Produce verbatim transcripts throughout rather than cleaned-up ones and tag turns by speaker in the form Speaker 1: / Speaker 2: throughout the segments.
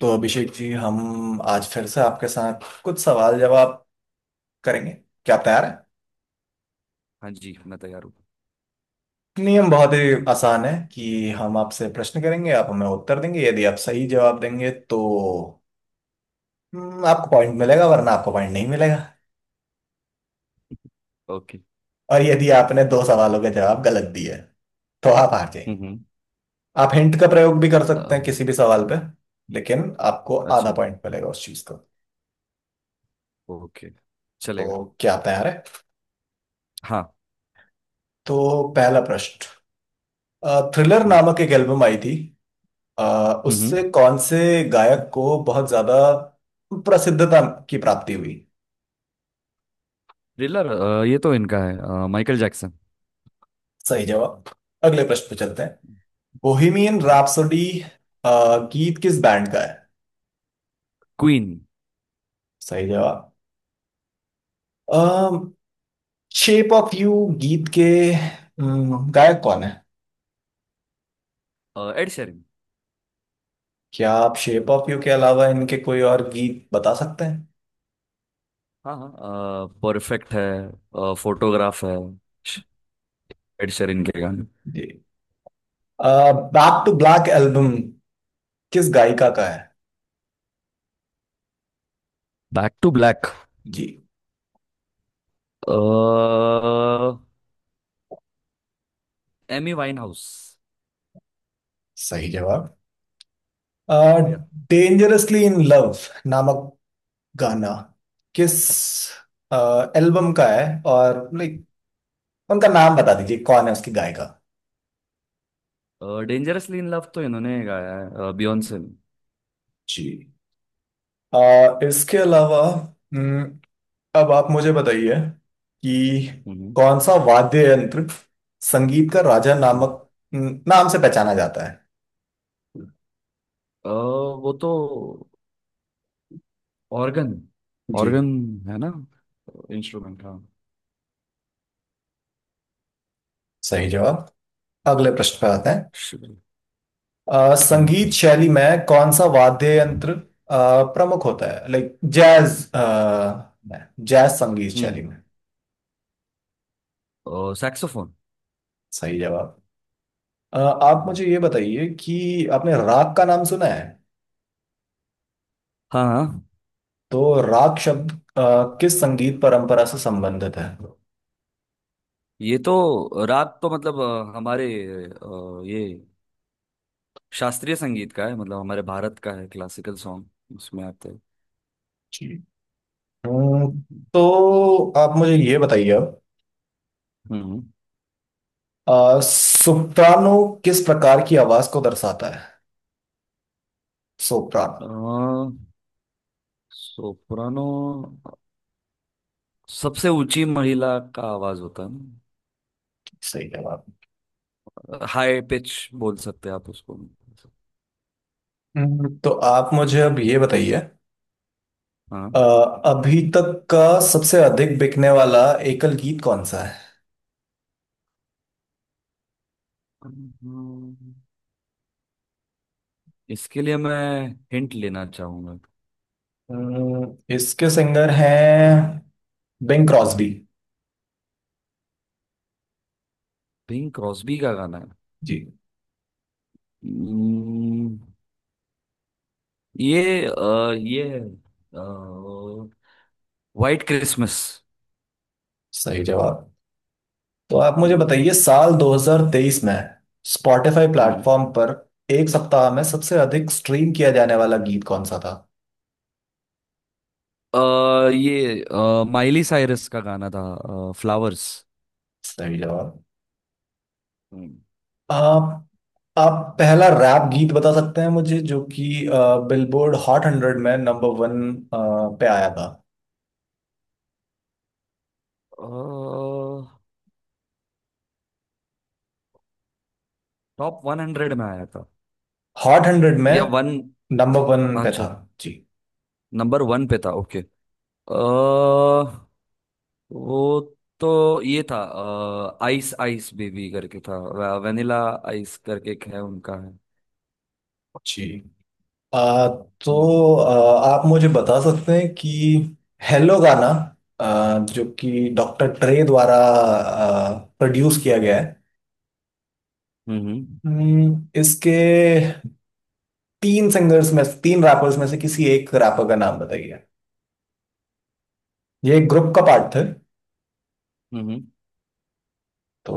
Speaker 1: तो अभिषेक जी, हम आज फिर से आपके साथ कुछ सवाल जवाब करेंगे। क्या आप तैयार हैं?
Speaker 2: हाँ जी, मैं तैयार हूँ।
Speaker 1: नियम बहुत ही आसान है कि हम आपसे प्रश्न करेंगे, आप हमें उत्तर देंगे। यदि आप सही जवाब देंगे तो हम्म, आपको पॉइंट मिलेगा, वरना आपको पॉइंट नहीं मिलेगा।
Speaker 2: ओके।
Speaker 1: और यदि आपने दो सवालों के जवाब गलत दिए तो आप हार
Speaker 2: हम्म।
Speaker 1: जाएंगे।
Speaker 2: हम्म।
Speaker 1: आप हिंट का प्रयोग भी कर सकते
Speaker 2: अ,
Speaker 1: हैं किसी भी सवाल पे, लेकिन आपको आधा
Speaker 2: अच्छा।
Speaker 1: पॉइंट मिलेगा उस चीज का।
Speaker 2: ओके। चलेगा।
Speaker 1: तो क्या आप तैयार है?
Speaker 2: हाँ।
Speaker 1: तो पहला प्रश्न। थ्रिलर
Speaker 2: हम्म।
Speaker 1: नामक एक एल्बम आई थी। अ, उससे
Speaker 2: हम्म।
Speaker 1: कौन से गायक को बहुत ज्यादा प्रसिद्धता की प्राप्ति हुई?
Speaker 2: थ्रिलर। ये तो इनका है, अ, माइकल जैक्सन।
Speaker 1: सही जवाब। अगले प्रश्न पे चलते हैं। बोहेमियन
Speaker 2: हम्म।
Speaker 1: रैप्सोडी गीत किस बैंड का है?
Speaker 2: क्वीन।
Speaker 1: सही जवाब। शेप ऑफ यू गीत के अम, गायक कौन है?
Speaker 2: अ, एड शेरिन।
Speaker 1: क्या आप शेप ऑफ यू के अलावा इनके कोई और गीत बता सकते हैं?
Speaker 2: हाँ, हाँ, परफेक्ट है। अ, फोटोग्राफ है। श- एड शेरिन के गाने।
Speaker 1: जी। बैक टू ब्लैक एल्बम किस गायिका का है?
Speaker 2: Back to Black.
Speaker 1: जी।
Speaker 2: अ, एमी वाइनहाउस।
Speaker 1: सही जवाब।
Speaker 2: शुक्रिया।
Speaker 1: डेंजरसली इन लव नामक गाना किस एल्बम का है, और लाइक उनका नाम बता दीजिए, कौन है उसकी गायिका?
Speaker 2: डेंजरसली इन लव तो इन्होंने गाया है, बियॉन्से ने।
Speaker 1: जी। अ, इसके अलावा हम्म, अब आप मुझे बताइए कि
Speaker 2: हम्म।
Speaker 1: कौन सा वाद्य यंत्र संगीत का राजा
Speaker 2: हम्म।
Speaker 1: नामक हम्म, नाम से पहचाना जाता है?
Speaker 2: अ, वो तो ऑर्गन।
Speaker 1: जी।
Speaker 2: ऑर्गन है ना। इंस्ट्रूमेंट, हाँ।
Speaker 1: सही जवाब। अगले प्रश्न पर आते हैं।
Speaker 2: शिट।
Speaker 1: अ,
Speaker 2: हाँ।
Speaker 1: संगीत शैली में कौन सा वाद्य यंत्र अ, प्रमुख होता है, लाइक जैज जैज संगीत शैली
Speaker 2: हम्म।
Speaker 1: में?
Speaker 2: ओ, सैक्सोफोन।
Speaker 1: सही जवाब। अ, आप मुझे ये बताइए कि आपने राग का नाम सुना है?
Speaker 2: हाँ, हाँ।
Speaker 1: तो राग शब्द अ, किस संगीत परंपरा से संबंधित है?
Speaker 2: ये तो, राग तो मतलब अ, हमारे अ, ये शास्त्रीय संगीत का है, मतलब हमारे भारत का है, क्लासिकल सॉन्ग उसमें आते हैं।
Speaker 1: जी। हम्म, तो आप मुझे ये बताइए अब,
Speaker 2: हम्म।
Speaker 1: अ, सोप्रानो किस प्रकार की आवाज को दर्शाता है, सोप्रानो?
Speaker 2: सोप्रानो सबसे ऊंची महिला का आवाज होता है ना।
Speaker 1: सही जवाब।
Speaker 2: हाई पिच बोल सकते हैं आप उसको।
Speaker 1: हम्म, तो आप मुझे अब ये बताइए,
Speaker 2: हाँ।
Speaker 1: अ, अभी तक का सबसे अधिक बिकने वाला एकल गीत कौन सा है?
Speaker 2: इसके लिए मैं हिंट लेना चाहूंगा।
Speaker 1: हम्म, इसके सिंगर हैं बिंग क्रॉस्बी।
Speaker 2: पिंक क्रॉस्बी का गाना है।
Speaker 1: जी।
Speaker 2: Hmm, ये, अ, ये है व्हाइट क्रिसमस।
Speaker 1: सही जवाब। तो आप मुझे
Speaker 2: हम्म।
Speaker 1: बताइए साल दो हज़ार तेईस में स्पॉटिफाई प्लेटफॉर्म पर एक सप्ताह में सबसे अधिक स्ट्रीम किया जाने वाला गीत कौन सा था?
Speaker 2: अ, ये अ, माइली साइरस का गाना था। फ्लावर्स।
Speaker 1: सही जवाब। आप आप पहला रैप गीत बता सकते हैं मुझे, जो कि बिलबोर्ड हॉट हंड्रेड में नंबर वन पे आया था?
Speaker 2: टॉप वन हंड्रेड में आया था।
Speaker 1: हॉट हंड्रेड में।
Speaker 2: या वन।
Speaker 1: नंबर वन पे
Speaker 2: अच्छा।
Speaker 1: था। जी,
Speaker 2: नंबर वन पे था। ओके। अ, वो तो ये था, आइस आइस बेबी करके था। वेनिला आइस करके एक है, उनका है।
Speaker 1: जी। आ,
Speaker 2: हम्म।
Speaker 1: तो आ, आप मुझे बता सकते हैं कि हेलो गाना, आ, जो कि डॉक्टर ट्रे द्वारा प्रोड्यूस किया गया है?
Speaker 2: हम्म।
Speaker 1: हम्म, इसके तीन सिंगर्स में, तीन रैपर्स में से किसी एक रैपर का नाम बताइए। ये एक ग्रुप का पार्ट थे।
Speaker 2: हम्म।
Speaker 1: तो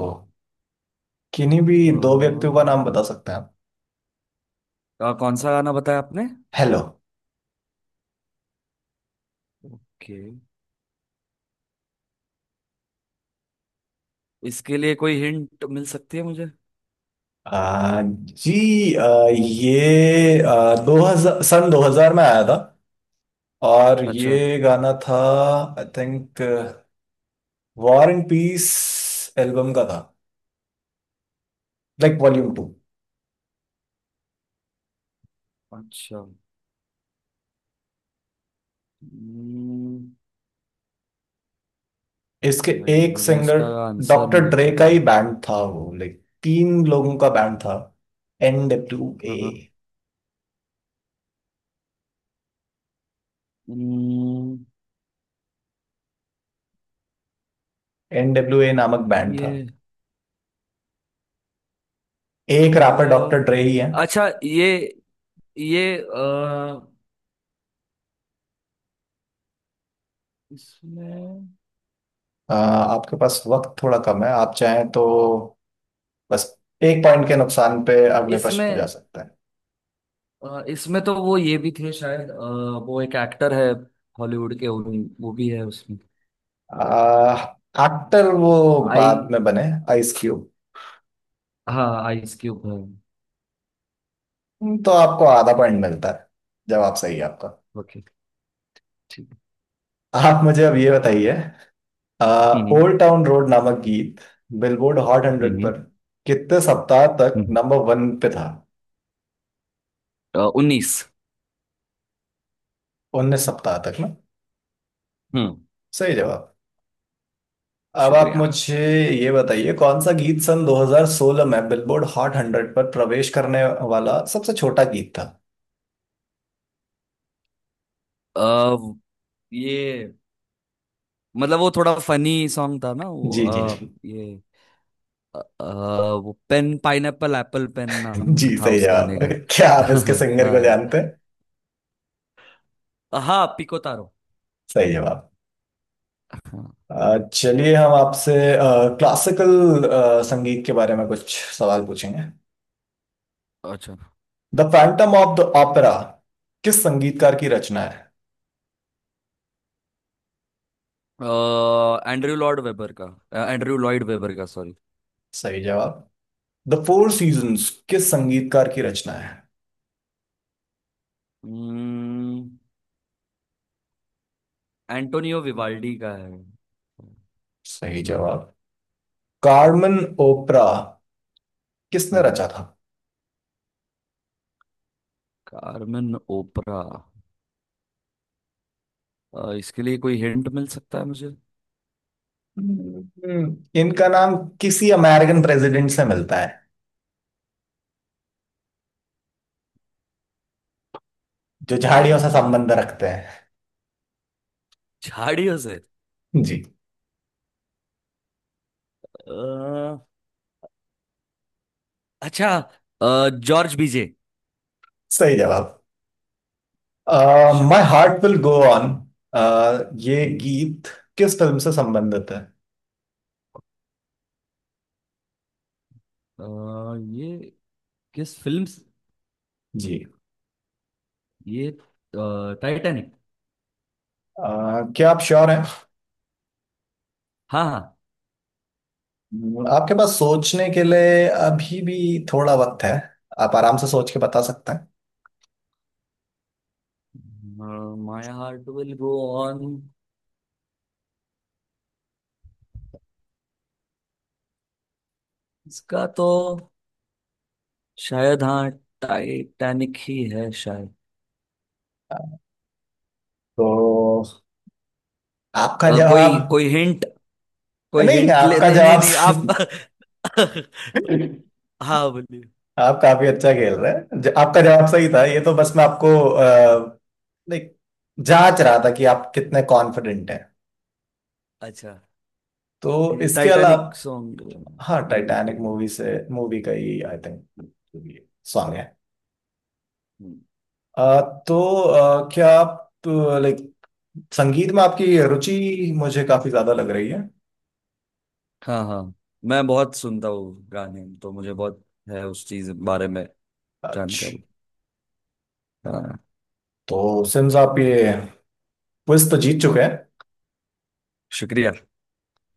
Speaker 1: किन्हीं भी दो व्यक्तियों का
Speaker 2: हम्म।
Speaker 1: नाम बता सकते हैं आप?
Speaker 2: अ, अ, कौन सा गाना बताया आपने।
Speaker 1: हेलो।
Speaker 2: के इसके लिए कोई हिंट मिल सकती है मुझे।
Speaker 1: आ, जी। आ, ये आ, दो हज़ार सन दो हज़ार में आया था, और
Speaker 2: अच्छा।
Speaker 1: ये गाना था, I think War and Peace album का था, लाइक वॉल्यूम टू।
Speaker 2: अच्छा। हम्म।
Speaker 1: इसके
Speaker 2: नहीं,
Speaker 1: एक
Speaker 2: मुझे
Speaker 1: सिंगर
Speaker 2: इसका आंसर
Speaker 1: डॉक्टर
Speaker 2: नहीं
Speaker 1: ड्रे का
Speaker 2: पता।
Speaker 1: ही बैंड था, वो लाइक तीन लोगों का बैंड था। N W A.
Speaker 2: हाँ, हाँ। हम्म।
Speaker 1: एन डब्ल्यू ए नामक बैंड था।
Speaker 2: ये,
Speaker 1: एक रैपर डॉक्टर
Speaker 2: अ,
Speaker 1: ड्रे ही है।
Speaker 2: अच्छा, ये ये इसमें
Speaker 1: आ, आपके पास वक्त थोड़ा कम है, आप चाहें तो बस एक पॉइंट के नुकसान पे अगले प्रश्न पे जा
Speaker 2: इसमें
Speaker 1: सकते हैं।
Speaker 2: अ, इसमें तो वो ये भी थे शायद, अ, वो एक एक्टर है। हॉलीवुड के, उन- वो भी है उसमें।
Speaker 1: आ, एक्टर वो
Speaker 2: आई
Speaker 1: बाद में बने, आइस क्यूब।
Speaker 2: हाँ, आइस क्यूब है।
Speaker 1: तो आपको आधा पॉइंट मिलता है, जवाब सही है आपका।
Speaker 2: ओके। ठीक।
Speaker 1: आप मुझे अब ये बताइए,
Speaker 2: हम्म।
Speaker 1: ओल्ड टाउन रोड नामक गीत बिलबोर्ड हॉट हंड्रेड पर
Speaker 2: हम्म।
Speaker 1: कितने सप्ताह तक
Speaker 2: हम्म।
Speaker 1: नंबर वन पे था?
Speaker 2: उन्नीस।
Speaker 1: उन्नीस सप्ताह तक ना?
Speaker 2: हम्म।
Speaker 1: सही जवाब। अब आप
Speaker 2: शुक्रिया।
Speaker 1: मुझे ये बताइए, कौन सा गीत सन दो हज़ार सोलह में बिलबोर्ड हॉट हंड्रेड पर प्रवेश करने वाला सबसे छोटा गीत था?
Speaker 2: अ, ये, मतलब वो थोड़ा फनी सॉन्ग था ना वो,
Speaker 1: जी, जी,
Speaker 2: अ,
Speaker 1: जी।
Speaker 2: ये, अ, अ, वो पेन पाइनएप्पल एप्पल पेन नाम
Speaker 1: जी,
Speaker 2: था
Speaker 1: सही
Speaker 2: उस गाने
Speaker 1: जवाब।
Speaker 2: का।
Speaker 1: क्या आप इसके सिंगर को
Speaker 2: हाँ।
Speaker 1: जानते हैं?
Speaker 2: हाँ, पिको तारो।
Speaker 1: सही जवाब।
Speaker 2: हाँ।
Speaker 1: अ, चलिए, हम आपसे क्लासिकल संगीत के बारे में कुछ सवाल पूछेंगे।
Speaker 2: अच्छा।
Speaker 1: The Phantom of the Opera किस संगीतकार की रचना है?
Speaker 2: एंड्रयू लॉर्ड वेबर का। एंड्रयू लॉयड वेबर का, सॉरी।
Speaker 1: सही जवाब। द फोर सीजन्स किस संगीतकार की रचना है?
Speaker 2: एंटोनियो विवाल्डी का है।
Speaker 1: सही जवाब। कार्मेन ओपरा किसने
Speaker 2: हम्म।
Speaker 1: रचा था?
Speaker 2: कार्मेन ओपरा, अ, इसके लिए कोई हिंट मिल सकता है मुझे।
Speaker 1: हम्म, इनका नाम किसी अमेरिकन प्रेसिडेंट से मिलता है, जो झाड़ियों से
Speaker 2: हम्म।
Speaker 1: संबंध रखते हैं।
Speaker 2: झाड़ियों से।
Speaker 1: जी।
Speaker 2: अ, अच्छा। अ, जॉर्ज बीजे।
Speaker 1: सही जवाब। माय
Speaker 2: शुक्रिया।
Speaker 1: हार्ट विल गो ऑन, ये
Speaker 2: हम्म।
Speaker 1: गीत किस फिल्म से संबंधित है?
Speaker 2: अ, ये, किस फिल्म से-
Speaker 1: जी।
Speaker 2: ये टाइटैनिक।
Speaker 1: अह, क्या आप श्योर हैं?
Speaker 2: हाँ, हाँ।
Speaker 1: हम्म। आपके पास सोचने के लिए अभी भी थोड़ा वक्त है, आप आराम से सोच के बता सकते हैं।
Speaker 2: My Heart will go On. इसका तो शायद, हाँ, टाइटैनिक ही है शायद।
Speaker 1: तो आपका
Speaker 2: अ, कोई
Speaker 1: जवाब?
Speaker 2: कोई हिंट, कोई
Speaker 1: नहीं,
Speaker 2: हिंट ले,
Speaker 1: आपका
Speaker 2: नहीं, नहीं,
Speaker 1: जवाब।
Speaker 2: नहीं, आप। हाँ, बोलिए।
Speaker 1: आप काफी अच्छा खेल रहे हैं। ज- आपका जवाब सही था, ये तो बस मैं आपको अ, लाइक जांच रहा था कि आप कितने कॉन्फिडेंट हैं।
Speaker 2: अच्छा।
Speaker 1: तो इसके
Speaker 2: टाइटैनिक
Speaker 1: अलावा,
Speaker 2: सॉन्ग,
Speaker 1: हाँ,
Speaker 2: मूवी का
Speaker 1: टाइटैनिक
Speaker 2: ही।
Speaker 1: मूवी से, मूवी का ही आई थिंक सॉन्ग है।
Speaker 2: हम्म।
Speaker 1: आ, तो आ, क्या आप, लाइक, संगीत में आपकी रुचि मुझे काफी ज्यादा लग रही है।
Speaker 2: हाँ, हाँ। मैं बहुत सुनता हूँ गाने, तो मुझे बहुत है उस चीज बारे में जानकारी।
Speaker 1: अच्छा।
Speaker 2: हाँ।
Speaker 1: तो सिम्स, आप ये क्विज तो जीत चुके हैं।
Speaker 2: शुक्रिया।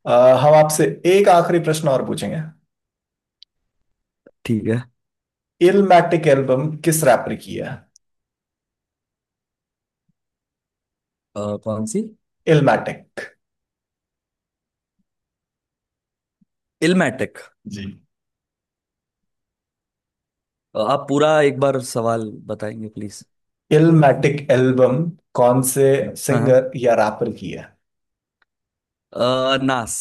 Speaker 1: आ, हम आपसे एक आखिरी प्रश्न और पूछेंगे।
Speaker 2: ठीक है।
Speaker 1: इलमैटिक एल्बम किस रैप ने की है?
Speaker 2: अ, कौन सी।
Speaker 1: इलमैटिक।
Speaker 2: इल्मेटिक।
Speaker 1: जी।
Speaker 2: आप पूरा एक बार सवाल बताएंगे प्लीज।
Speaker 1: इलमैटिक एल्बम कौन से
Speaker 2: हाँ,
Speaker 1: सिंगर या रैपर की है?
Speaker 2: हाँ। अ, नास।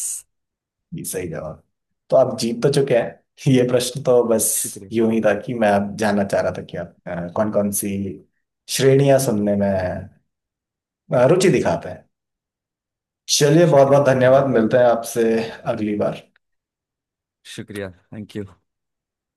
Speaker 1: जी, सही जवाब। तो आप जीत तो चुके हैं, ये प्रश्न तो बस
Speaker 2: शुक्रिया।
Speaker 1: यूं ही था कि मैं आप जानना चाह रहा था कि आप कौन कौन सी श्रेणियां सुनने में अ, रुचि
Speaker 2: अच्छा।
Speaker 1: दिखाते हैं। चलिए, बहुत
Speaker 2: शुक्रिया,
Speaker 1: बहुत धन्यवाद,
Speaker 2: शुक्रिया।
Speaker 1: मिलते हैं आपसे अगली बार।
Speaker 2: शुक्रिया, थैंक यू।